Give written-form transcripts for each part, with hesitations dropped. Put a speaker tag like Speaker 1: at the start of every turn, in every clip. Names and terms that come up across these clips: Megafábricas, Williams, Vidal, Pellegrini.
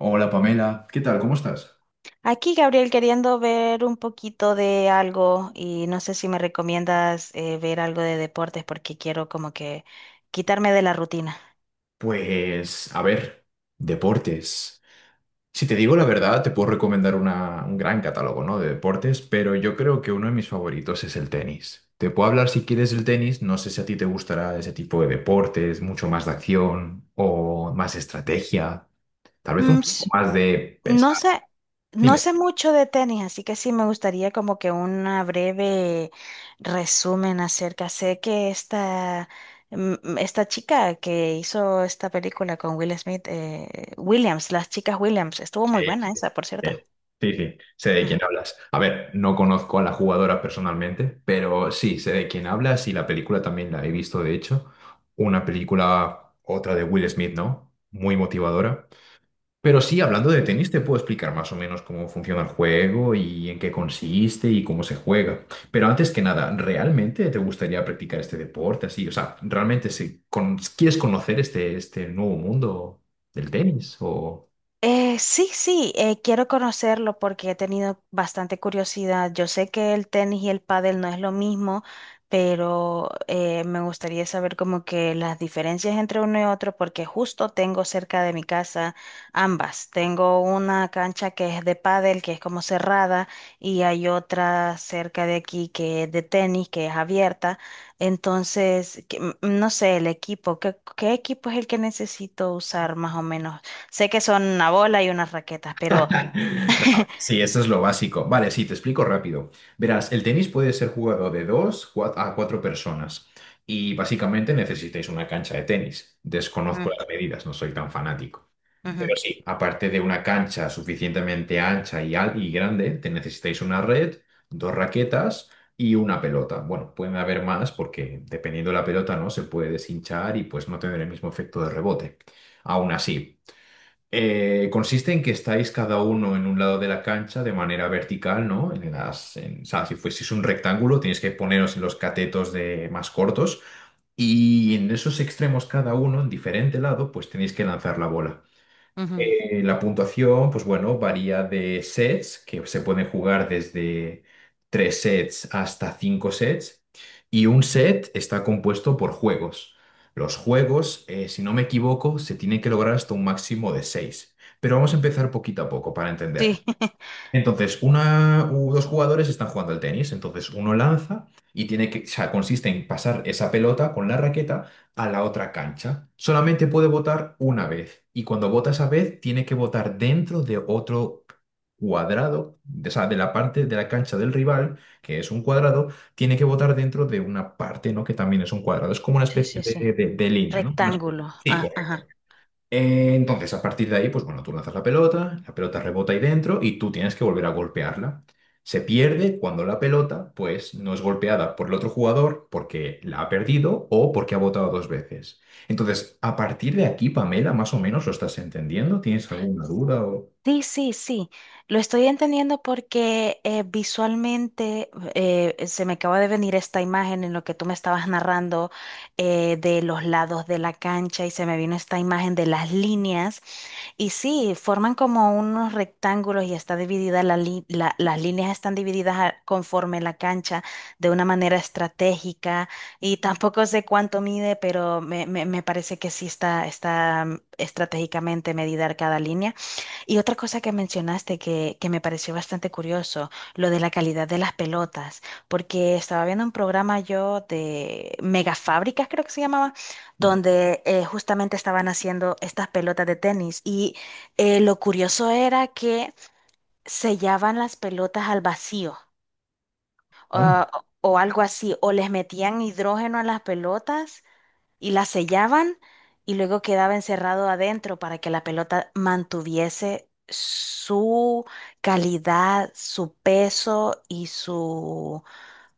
Speaker 1: Hola Pamela, ¿qué tal? ¿Cómo estás?
Speaker 2: Aquí, Gabriel, queriendo ver un poquito de algo y no sé si me recomiendas ver algo de deportes porque quiero como que quitarme de la rutina.
Speaker 1: Pues, a ver, deportes. Si te digo la verdad, te puedo recomendar un gran catálogo, ¿no? de deportes, pero yo creo que uno de mis favoritos es el tenis. Te puedo hablar si quieres del tenis, no sé si a ti te gustará ese tipo de deportes, mucho más de acción o más estrategia, tal vez un
Speaker 2: Mm,
Speaker 1: poco
Speaker 2: s-
Speaker 1: más de
Speaker 2: no
Speaker 1: pensar.
Speaker 2: sé, no
Speaker 1: Dime.
Speaker 2: sé mucho de tenis, así que sí me gustaría como que una breve resumen acerca. Sé que esta chica que hizo esta película con Will Smith, Williams, las chicas Williams, estuvo
Speaker 1: Sí,
Speaker 2: muy buena
Speaker 1: sí.
Speaker 2: esa, por cierto.
Speaker 1: Eh, sí, sí, sé de quién hablas. A ver, no conozco a la jugadora personalmente, pero sí, sé de quién hablas y la película también la he visto, de hecho. Una película, otra de Will Smith, ¿no? Muy motivadora. Pero sí, hablando de tenis, te puedo explicar más o menos cómo funciona el juego y en qué consiste y cómo se juega. Pero antes que nada, ¿realmente te gustaría practicar este deporte así? O sea, ¿realmente si con- quieres conocer este nuevo mundo del tenis o...?
Speaker 2: Sí, sí, quiero conocerlo porque he tenido bastante curiosidad. Yo sé que el tenis y el pádel no es lo mismo, pero me gustaría saber como que las diferencias entre uno y otro porque justo tengo cerca de mi casa ambas. Tengo una cancha que es de pádel, que es como cerrada, y hay otra cerca de aquí que es de tenis, que es abierta. Entonces, no sé, el equipo, ¿qué equipo es el que necesito usar más o menos? Sé que son una bola y unas raquetas, pero...
Speaker 1: No, sí, eso es lo básico. Vale, sí, te explico rápido. Verás, el tenis puede ser jugado de a cuatro personas y básicamente necesitáis una cancha de tenis.
Speaker 2: Mm,
Speaker 1: Desconozco las medidas, no soy tan fanático.
Speaker 2: ujú,
Speaker 1: Pero sí, aparte de una cancha suficientemente ancha y grande, te necesitáis una red, dos raquetas y una pelota. Bueno, pueden haber más porque dependiendo de la pelota, ¿no? Se puede deshinchar y pues no tener el mismo efecto de rebote. Aún así. Consiste en que estáis cada uno en un lado de la cancha de manera vertical, ¿no? O sea, si fueseis un rectángulo, tenéis que poneros en los catetos de más cortos y en esos extremos cada uno, en diferente lado, pues tenéis que lanzar la bola.
Speaker 2: ujú.
Speaker 1: La puntuación, pues bueno, varía de sets, que se pueden jugar desde tres sets hasta cinco sets, y un set está compuesto por juegos. Los juegos, si no me equivoco, se tienen que lograr hasta un máximo de seis. Pero vamos a empezar poquito a poco para entender.
Speaker 2: Sí,
Speaker 1: Entonces, dos jugadores están jugando al tenis. Entonces, uno lanza y tiene que, o sea, consiste en pasar esa pelota con la raqueta a la otra cancha. Solamente puede votar una vez. Y cuando vota esa vez, tiene que votar dentro de otro cuadrado, o sea, de la parte de la cancha del rival, que es un cuadrado, tiene que votar dentro de una parte, ¿no? Que también es un cuadrado. Es como una
Speaker 2: sí,
Speaker 1: especie
Speaker 2: sí, sí.
Speaker 1: de, de línea, ¿no?
Speaker 2: Rectángulo.
Speaker 1: Sí,
Speaker 2: Ah, ajá.
Speaker 1: correcto. Entonces, a partir de ahí, pues bueno, tú lanzas la pelota rebota ahí dentro y tú tienes que volver a golpearla. Se pierde cuando la pelota, pues, no es golpeada por el otro jugador porque la ha perdido o porque ha botado dos veces. Entonces, a partir de aquí, Pamela, más o menos lo estás entendiendo. ¿Tienes alguna duda o...?
Speaker 2: Sí, sí, sí. Lo estoy entendiendo porque visualmente se me acaba de venir esta imagen en lo que tú me estabas narrando de los lados de la cancha y se me vino esta imagen de las líneas. Y sí, forman como unos rectángulos y está dividida las líneas están divididas a- conforme la cancha de una manera estratégica y tampoco sé cuánto mide, pero me parece que sí está, estratégicamente medida cada línea. Y otra cosa que mencionaste que me pareció bastante curioso, lo de la calidad de las pelotas, porque estaba viendo un programa yo de Megafábricas, creo que se llamaba, donde justamente estaban haciendo estas pelotas de tenis y lo curioso era que sellaban las pelotas al vacío
Speaker 1: Hombre.
Speaker 2: ah, o algo así, o les metían hidrógeno a las pelotas y la sellaban y luego quedaba encerrado adentro para que la pelota mantuviese su calidad, su peso y su...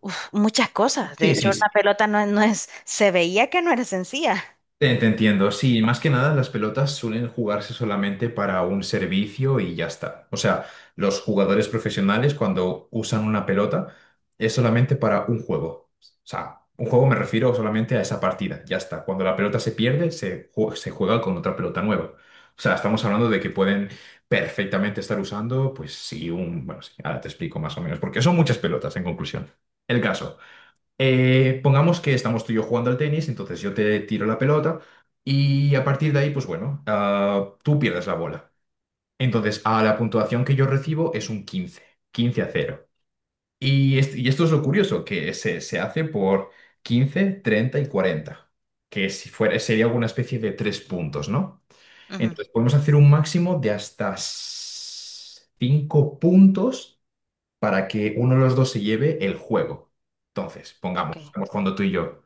Speaker 2: uf, muchas cosas. De
Speaker 1: Sí,
Speaker 2: hecho,
Speaker 1: sí,
Speaker 2: una pelota no es... Se veía que no era sencilla.
Speaker 1: te entiendo, sí, más que nada las pelotas suelen jugarse solamente para un servicio y ya está. O sea, los jugadores profesionales cuando usan una pelota es solamente para un juego. O sea, un juego me refiero solamente a esa partida, ya está. Cuando la pelota se pierde, se juega con otra pelota nueva. O sea, estamos hablando de que pueden perfectamente estar usando, pues sí, un... Bueno, sí, ahora te explico más o menos, porque son muchas pelotas en conclusión. El caso. Pongamos que estamos tú y yo jugando al tenis, entonces yo te tiro la pelota y a partir de ahí, pues bueno, tú pierdes la bola. Entonces, a la puntuación que yo recibo es un 15. 15 a 0. Y, y esto es lo curioso, que se hace por quince, 30 y cuarenta, que si fuera, sería alguna especie de tres puntos, ¿no?
Speaker 2: Ujú,
Speaker 1: Entonces, podemos hacer un máximo de hasta cinco puntos para que uno de los dos se lleve el juego. Entonces, pongamos,
Speaker 2: ok.
Speaker 1: estamos jugando tú y yo.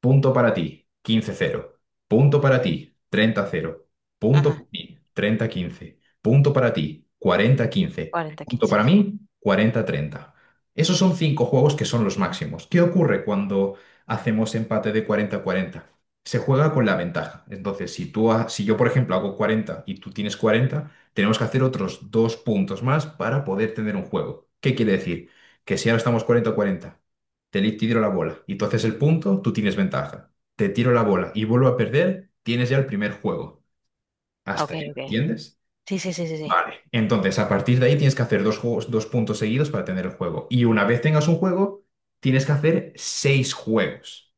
Speaker 1: Punto para ti, 15-0. Punto para ti, 30-0. Punto para
Speaker 2: Ajá.
Speaker 1: ti, 30-15. Punto para ti, 40-15.
Speaker 2: cuarenta
Speaker 1: Punto
Speaker 2: quince
Speaker 1: para mí, 40-30. Esos son cinco juegos que son los máximos. ¿Qué ocurre cuando hacemos empate de 40-40? Se juega con la ventaja. Entonces, si tú, si yo, por ejemplo, hago 40 y tú tienes 40, tenemos que hacer otros dos puntos más para poder tener un juego. ¿Qué quiere decir? Que si ahora estamos 40-40, te le tiro la bola y tú haces el punto, tú tienes ventaja. Te tiro la bola y vuelvo a perder, tienes ya el primer juego. ¿Hasta
Speaker 2: Ok,
Speaker 1: ahí
Speaker 2: ok.
Speaker 1: entiendes?
Speaker 2: Sí, sí, sí, sí, sí.
Speaker 1: Vale. Entonces, a partir de ahí tienes que hacer dos juegos, dos puntos seguidos para tener el juego. Y una vez tengas un juego, tienes que hacer seis juegos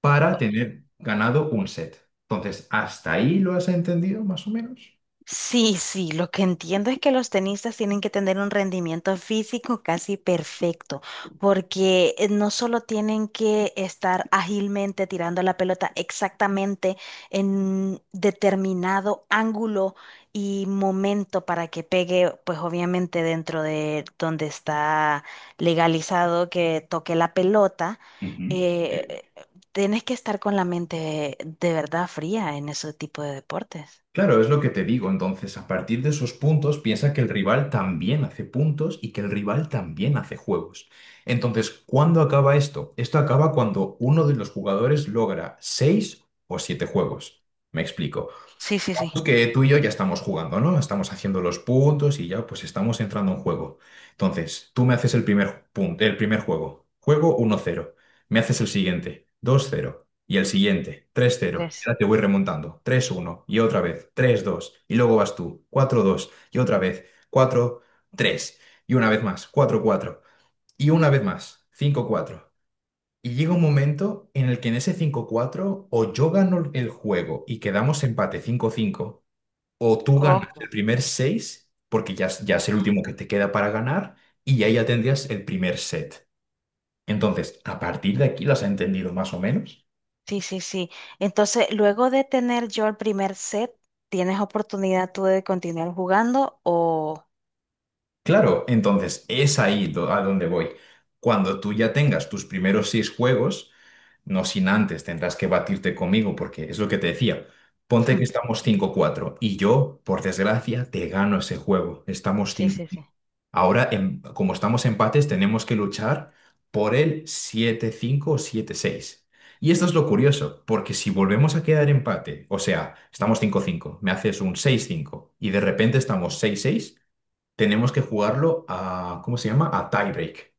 Speaker 1: para tener ganado un set. Entonces, ¿hasta ahí lo has entendido, más o menos?
Speaker 2: Sí, sí, lo que entiendo es que los tenistas tienen que tener un rendimiento físico casi perfecto, porque no solo tienen que estar ágilmente tirando la pelota exactamente en determinado ángulo y momento para que pegue, pues obviamente dentro de donde está legalizado que toque la pelota,
Speaker 1: Ujú.
Speaker 2: eh, tienes que estar con la mente de verdad fría en ese tipo de deportes.
Speaker 1: Claro, es lo que te digo. Entonces, a partir de esos puntos, piensa que el rival también hace puntos y que el rival también hace juegos. Entonces, ¿cuándo acaba esto? Esto acaba cuando uno de los jugadores logra seis o siete juegos. Me explico.
Speaker 2: Sí, sí, sí.
Speaker 1: Pues que tú y yo ya estamos jugando, ¿no? Estamos haciendo los puntos y ya pues estamos entrando en juego. Entonces, tú me haces el primer punto, el primer juego. Juego 1-0. Me haces el siguiente, 2-0. Y el siguiente, 3-0. Y
Speaker 2: 3.
Speaker 1: ahora te voy remontando, 3-1. Y otra vez, 3-2. Y luego vas tú, 4-2. Y otra vez, 4-3. Y una vez más, 4-4. Y una vez más, 5-4. Y llega un momento en el que en ese 5-4 o yo gano el juego y quedamos empate 5-5. O tú ganas el
Speaker 2: Oh,
Speaker 1: primer 6 porque ya, ya es el último que te queda para ganar, y ahí ya tendrías el primer set. Entonces, a partir de aquí, ¿las has entendido más o menos?
Speaker 2: sí, sí, sí. Entonces, luego de tener yo el primer set, ¿tienes oportunidad tú de continuar jugando o...?
Speaker 1: Claro, entonces es ahí a donde voy. Cuando tú ya tengas tus primeros seis juegos, no sin antes tendrás que batirte conmigo, porque es lo que te decía. Ponte que
Speaker 2: Hmm,
Speaker 1: estamos 5-4 y yo, por desgracia, te gano ese juego. Estamos
Speaker 2: sí,
Speaker 1: cinco.
Speaker 2: sí, sí.
Speaker 1: Ahora, como estamos empates, tenemos que luchar por el 7-5 o 7-6. Y esto es lo curioso, porque si volvemos a quedar empate, o sea, estamos 5-5, me haces un 6-5 y de repente estamos 6-6, tenemos que jugarlo a, ¿cómo se llama? A tiebreak.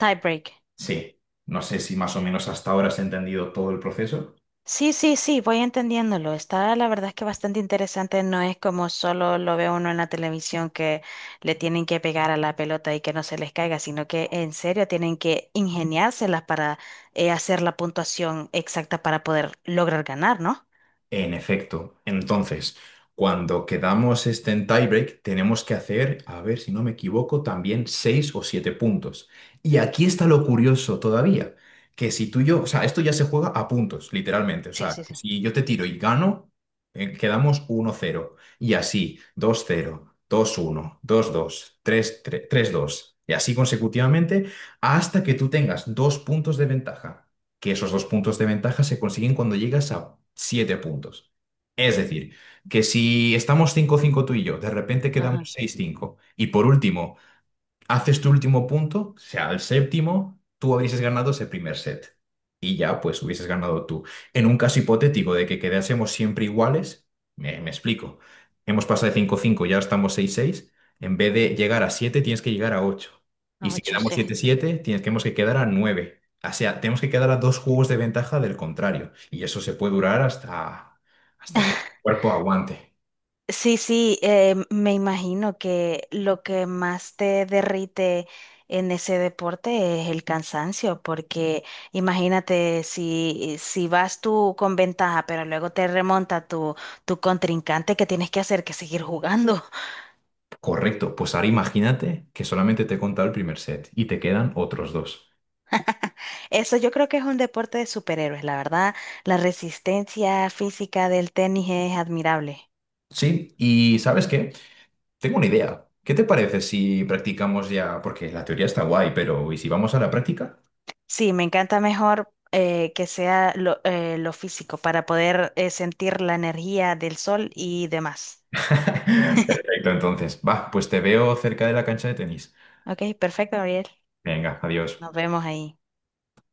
Speaker 2: Tie break.
Speaker 1: Sí, no sé si más o menos hasta ahora has entendido todo el proceso.
Speaker 2: Sí, sí, sí, voy entendiéndolo. Está la verdad es que bastante interesante. No es como solo lo ve uno en la televisión que le tienen que pegar a la pelota y que no se les caiga, sino que en serio tienen que ingeniárselas para hacer la puntuación exacta para poder lograr ganar, ¿no?
Speaker 1: En efecto. Entonces, cuando quedamos este en tiebreak, tenemos que hacer, a ver si no me equivoco, también seis o siete puntos. Y aquí está lo curioso todavía, que si tú y yo, o sea, esto ya se juega a puntos, literalmente. O
Speaker 2: Sí,
Speaker 1: sea,
Speaker 2: sí, sí.
Speaker 1: si yo te tiro y gano, quedamos uno cero. Y así, 2-0, 2-1, 2-2, 3-3, 3-2. Y así consecutivamente hasta que tú tengas dos puntos de ventaja, que esos dos puntos de ventaja se consiguen cuando llegas a siete puntos. Es decir, que si estamos 5-5 tú y yo, de repente
Speaker 2: Ajá.
Speaker 1: quedamos 6-5 y por último haces tu último punto, sea el séptimo, tú hubieses ganado ese primer set. Y ya, pues hubieses ganado tú. En un caso hipotético de que quedásemos siempre iguales, me explico. Hemos pasado de 5-5, ya estamos 6-6. En vez de llegar a 7, tienes que llegar a 8. Y si
Speaker 2: 8,
Speaker 1: quedamos
Speaker 2: sí.
Speaker 1: 7-7, tenemos que quedar a 9. O sea, tenemos que quedar a dos juegos de ventaja del contrario. Y eso se puede durar hasta, que el cuerpo aguante.
Speaker 2: Sí, sí, me imagino que lo que más te derrite en ese deporte es el cansancio, porque imagínate si vas tú con ventaja, pero luego te remonta tu contrincante, ¿qué tienes que hacer? Que seguir jugando.
Speaker 1: Correcto, pues ahora imagínate que solamente te he contado el primer set y te quedan otros dos.
Speaker 2: Eso yo creo que es un deporte de superhéroes, la verdad. La resistencia física del tenis es admirable.
Speaker 1: Sí, y ¿sabes qué? Tengo una idea. ¿Qué te parece si practicamos ya? Porque la teoría está guay, pero ¿y si vamos a la práctica?
Speaker 2: Sí, me encanta mejor que sea lo físico para poder sentir la energía del sol y demás.
Speaker 1: Perfecto, entonces, va, pues te veo cerca de la cancha de tenis.
Speaker 2: Ok, perfecto, Gabriel.
Speaker 1: Venga, adiós.
Speaker 2: Nos vemos ahí.